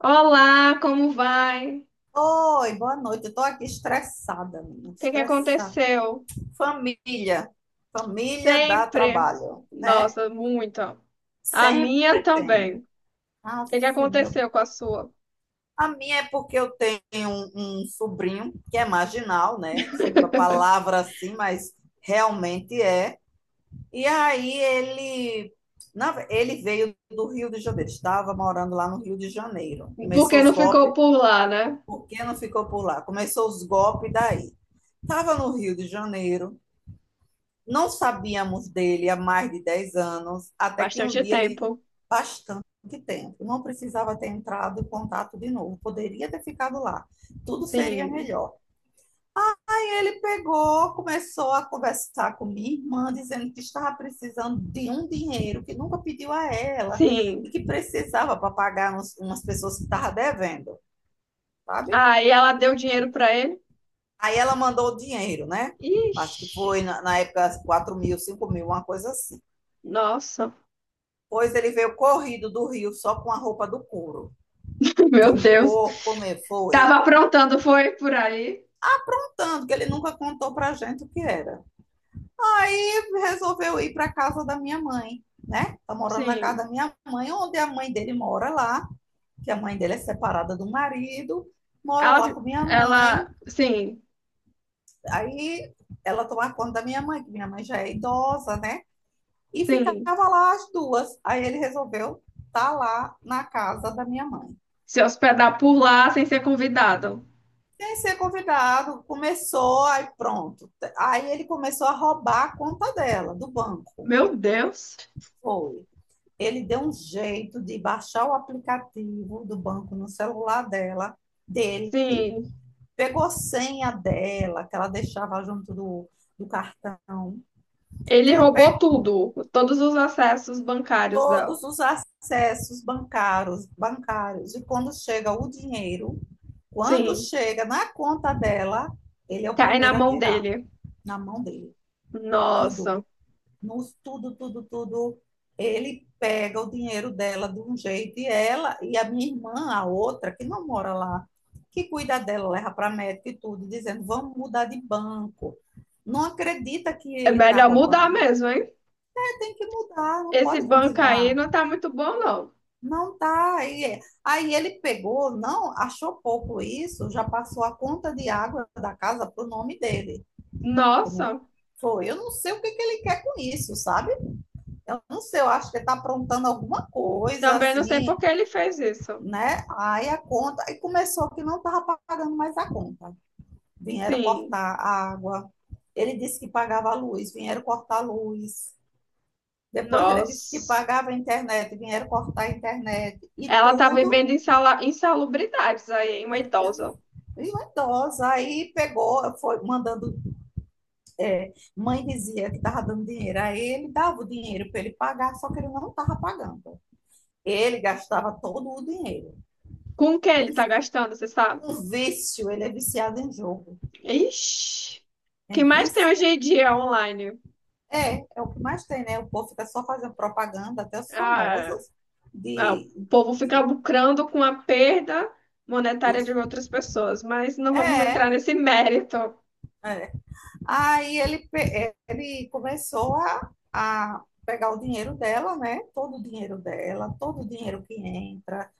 Olá, como vai? O Oi, boa noite. Eu tô aqui estressada, menina, que que estressada. aconteceu? Família, família dá Sempre. trabalho, né? Nossa, muita. A minha Sempre tem. também. O que que Nossa, meu aconteceu com Deus. a sua? A minha é porque eu tenho um sobrinho que é marginal, né? Desculpa a palavra assim, mas realmente é. E aí ele, ele veio do Rio de Janeiro, estava morando lá no Rio de Janeiro. Começou Porque os não ficou golpes. por lá, né? Por que não ficou por lá? Começou os golpes daí. Estava no Rio de Janeiro, não sabíamos dele há mais de 10 anos, até que um Bastante dia tempo. ele, bastante tempo, não precisava ter entrado em contato de novo, poderia ter ficado lá, tudo seria Sim, melhor. E ele pegou, começou a conversar com minha irmã, dizendo que estava precisando de um dinheiro que nunca pediu a ela e sim. que precisava para pagar umas pessoas que estava devendo, sabe? Aí ela deu dinheiro pra ele. Aí ela mandou o dinheiro, né? Acho Ixi, que foi na época 4 mil, 5 mil, uma coisa assim. nossa, Pois ele veio corrido do Rio só com a roupa do couro. meu Do Deus. corpo, me Tava foi. aprontando, foi por aí? Tanto que ele nunca contou pra gente o que era. Aí resolveu ir pra casa da minha mãe, né? Tá morando na casa Sim. da minha mãe, onde a mãe dele mora lá, que a mãe dele é separada do marido, mora lá Ela, com minha mãe. ela, sim, Aí ela toma conta da minha mãe, que minha mãe já é idosa, né? E sim. ficava lá as duas. Aí ele resolveu estar tá lá na casa da minha mãe. Se hospedar por lá sem ser convidado. Sem ser convidado, começou, aí pronto. Aí ele começou a roubar a conta dela, do banco. Meu Deus! Foi. Ele deu um jeito de baixar o aplicativo do banco no celular dela, dele, Sim, pegou a senha dela, que ela deixava junto do cartão, ele roubou pegou tudo, todos os acessos bancários dela. todos os acessos bancários, bancários, e quando chega o dinheiro, quando Sim, chega na conta dela, ele é o cai na primeiro a mão tirar, dele. na mão dele. Tudo, Nossa, nos tudo, tudo, tudo. Ele pega o dinheiro dela de um jeito e ela e a minha irmã, a outra, que não mora lá, que cuida dela, leva para médico e tudo, dizendo: vamos mudar de banco. Não acredita que é ele está melhor mudar roubando. mesmo, hein? Tem que mudar, não Esse pode banco aí continuar. não tá muito bom, não. Não tá. Aí ele pegou, não, achou pouco isso, já passou a conta de água da casa pro nome dele. Eu Nossa, não, foi, eu não sei o que que ele quer com isso, sabe? Eu não sei, eu acho que ele tá aprontando alguma coisa também não sei por assim, que ele fez isso. né? Aí a conta, aí começou que não tava pagando mais a conta. Vieram Sim, cortar a água. Ele disse que pagava a luz, vieram cortar a luz. Depois ele disse que nossa. pagava a internet, vieram cortar a internet. E Ela tá tudo. vivendo insalubridades aí, hein, uma idosa. E uma idosa, aí pegou, foi mandando. É, mãe dizia que estava dando dinheiro a ele, dava o dinheiro para ele pagar, só que ele não estava pagando. Ele gastava todo o dinheiro. Com o que ele Um, tá gastando, você sabe? um vício, ele é viciado em jogo. Ixi. O É que mais tem hoje vício? em dia online? É, é o que mais tem, né? O povo fica só fazendo propaganda, até os Ah, famosos, ah, de, o povo fica de, lucrando com a perda monetária de dos. outras pessoas, mas não vamos É. entrar nesse mérito. Aí ele, ele começou a pegar o dinheiro dela, né? Todo o dinheiro dela, todo o dinheiro que entra.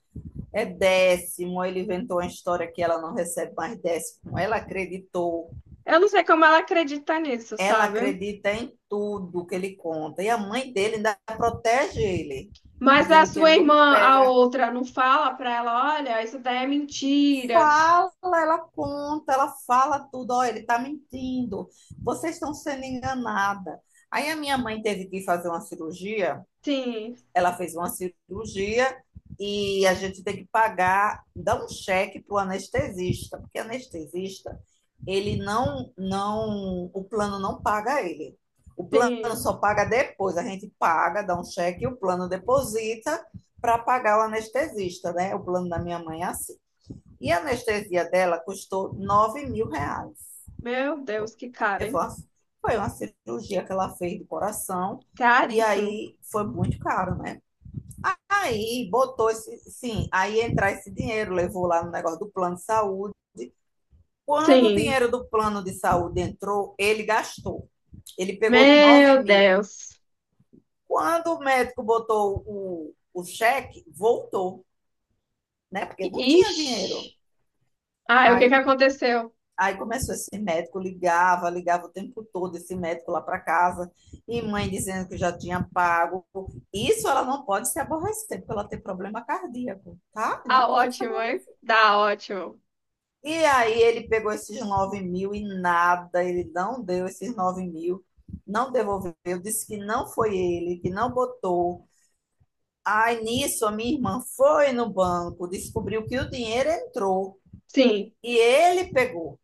É décimo. Ele inventou uma história que ela não recebe mais décimo. Ela acreditou. Eu não sei como ela acredita nisso, Ela sabe? acredita em tudo que ele conta. E a mãe dele ainda protege ele, Mas a dizendo que ele sua não irmã, a pega. outra, não fala pra ela, olha, isso daí é mentira. Fala, ela conta, ela fala tudo. Ó, ele tá mentindo. Vocês estão sendo enganada. Aí a minha mãe teve que fazer uma cirurgia, Sim, ela fez uma cirurgia e a gente tem que pagar, dar um cheque para o anestesista, porque anestesista, ele o plano não paga ele. O plano sim. só paga depois, a gente paga, dá um cheque e o plano deposita para pagar o anestesista, né? O plano da minha mãe é assim. E a anestesia dela custou 9 mil reais. Meu Deus, que cara, Eu hein? falo assim, foi uma cirurgia que ela fez do coração, e Caríssimo. aí foi muito caro, né? Aí botou esse, sim, aí entrar esse dinheiro, levou lá no negócio do plano de saúde. Quando o Sim. dinheiro do plano de saúde entrou, ele gastou. Ele pegou os 9 Meu mil. Deus. Quando o médico botou o cheque, voltou, né? Porque não tinha dinheiro. Ixi. Ah, o que que Aí, aconteceu? aí começou esse médico, ligava, ligava o tempo todo, esse médico lá para casa, e mãe dizendo que já tinha pago. Isso ela não pode se aborrecer, porque ela tem problema cardíaco, tá? Ah, Não pode se ótimo, aborrecer. hein? Dá, ótimo. E aí ele pegou esses 9 mil e nada, ele não deu esses 9 mil, não devolveu, disse que não foi ele, que não botou. Aí nisso a minha irmã foi no banco, descobriu que o dinheiro entrou Sim. e ele pegou.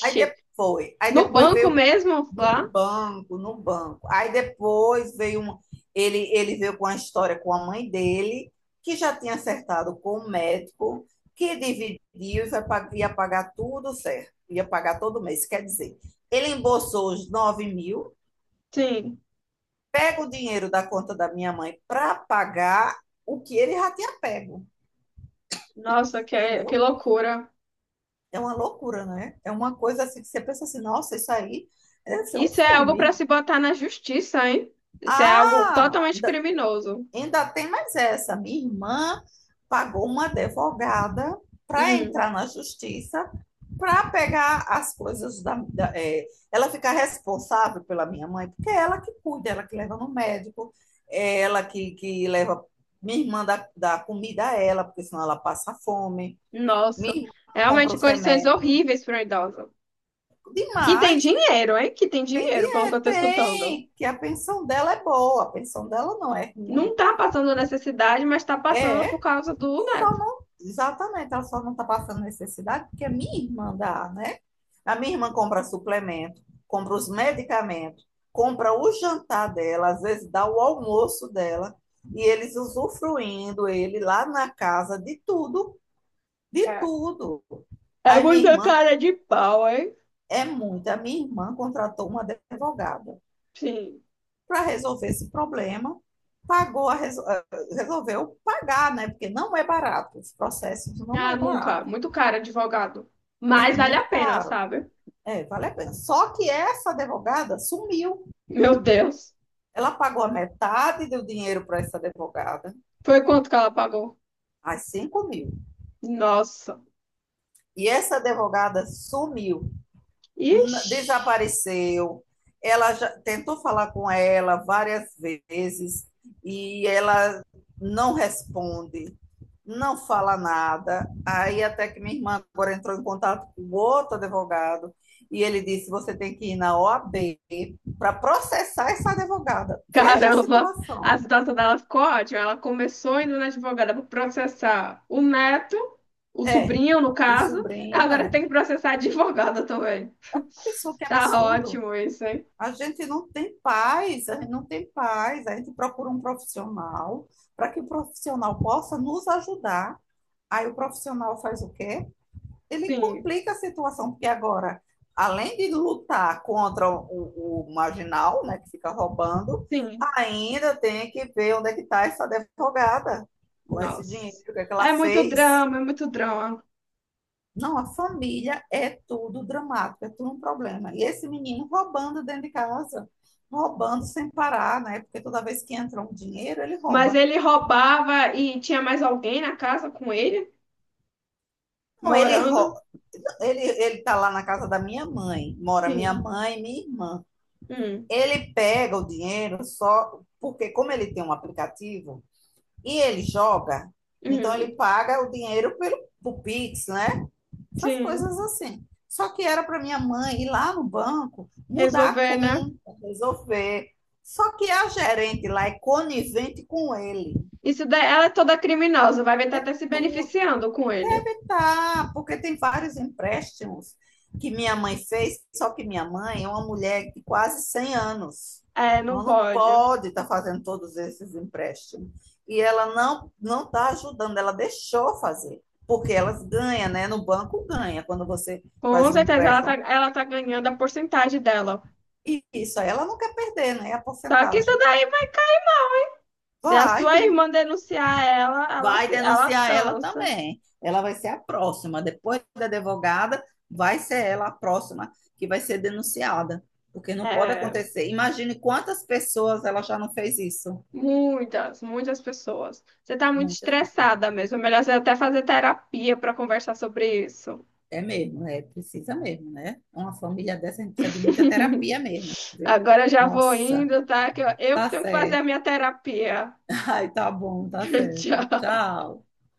Aí depois, aí no depois banco veio. mesmo, No lá? banco, no banco. Aí depois veio um, ele veio com a história com a mãe dele, que já tinha acertado com o médico, que dividiu e ia pagar tudo certo, ia pagar todo mês. Quer dizer, ele embolsou os 9 mil, Sim. pega o dinheiro da conta da minha mãe para pagar o que ele já tinha pego, Nossa, que entendeu? loucura. É uma loucura, né? É uma coisa assim que você pensa assim, nossa, isso aí deve ser um Isso é algo para filme. se botar na justiça, hein? Isso é algo Ah, totalmente criminoso. ainda tem mais essa. Minha irmã pagou uma advogada para Hum, entrar na justiça para pegar as coisas é, ela fica responsável pela minha mãe, porque é ela que cuida, ela que leva no médico, é ela que leva, minha irmã dá comida a ela, porque senão ela passa fome. Minha nossa. irmã compra Realmente os condições remédios. horríveis para um idoso. Que tem Demais, dinheiro, hein? Que tem tem dinheiro, pelo que dinheiro, eu tô escutando. tem, que a pensão dela é boa, a pensão dela não é ruim. Não tá passando necessidade, mas tá passando por É. causa do Só neto. não, exatamente, ela só não está passando necessidade porque a minha irmã dá, né? A minha irmã compra suplemento, compra os medicamentos, compra o jantar dela, às vezes dá o almoço dela, e eles usufruindo ele lá na casa de tudo, de É. tudo. É Aí minha muita irmã cara de pau, hein? é muita, a minha irmã contratou uma advogada Sim. para resolver esse problema, pagou a resolveu pagar, né? Porque não é barato, os processos não Ah, é barato. nunca. Muito caro advogado. É Mas vale muito a pena, caro. sabe? É, vale a pena. Só que essa advogada sumiu. Meu Deus. Ela pagou a metade do dinheiro para essa advogada, Foi quanto que ela pagou? as 5 mil. Nossa. E essa advogada sumiu, Ixi. desapareceu. Ela já tentou falar com ela várias vezes e ela não responde, não fala nada. Aí até que minha irmã agora entrou em contato com outro advogado e ele disse: você tem que ir na OAB para processar essa advogada. Veja a Caramba. A situação. situação dela ficou ótima. Ela começou indo na advogada para processar o neto, o É, sobrinho, no o caso. sobrinho Agora é. tem que processar a advogada também. Pessoa que é Tá absurdo. ótimo isso, hein? A gente não tem paz, a gente não tem paz. A gente procura um profissional para que o profissional possa nos ajudar. Aí o profissional faz o quê? Ele Sim, complica a situação, porque agora, além de lutar contra o marginal, né, que fica roubando, sim. ainda tem que ver onde é que está essa advogada com esse dinheiro, Nossa. o que é que ela É muito fez. drama, é muito drama. Não, a família é tudo dramático, é tudo um problema. E esse menino roubando dentro de casa, roubando sem parar, né? Porque toda vez que entra um dinheiro, ele Mas rouba. ele roubava e tinha mais alguém na casa com ele? Não, ele Morando? rouba. Ele tá lá na casa da minha mãe, mora minha Sim. mãe e minha irmã. Hum, Ele pega o dinheiro só porque, como ele tem um aplicativo e ele joga, então ele hum, paga o dinheiro pelo Pix, né? Essas sim. coisas assim. Só que era para minha mãe ir lá no banco, mudar a Resolver, né? conta, resolver. Só que a gerente lá é conivente com ele. Isso daí, ela é toda criminosa, vai estar até se Tudo beneficiando com ele. tá, porque tem vários empréstimos que minha mãe fez, só que minha mãe é uma mulher de quase 100 anos. É, não Ela não pode. pode estar fazendo todos esses empréstimos. E ela não está ajudando, ela deixou fazer, porque elas ganham, né? No banco ganha. Quando você Com faz um certeza, ela tá, empréstimo. ela tá ganhando a porcentagem dela. Isso, aí ela não quer perder, né? A Só que isso porcentagem. daí vai cair. Se a Vai, sua quem irmã denunciar ela, vai ela denunciar ela dança. também. Ela vai ser a próxima. Depois da advogada, vai ser ela a próxima que vai ser denunciada. Porque não pode É, acontecer. Imagine quantas pessoas ela já não fez isso. muitas, muitas pessoas. Você tá muito Muitas pessoas. estressada mesmo. É melhor você até fazer terapia para conversar sobre isso. É mesmo, é, precisa mesmo, né? Uma família dessa, a gente precisa de muita terapia mesmo, viu? Agora eu já vou Nossa, indo, tá? Que eu que tá tenho que fazer certo. a minha terapia. Ai, tá bom, tá certo. Tchau. Tchau.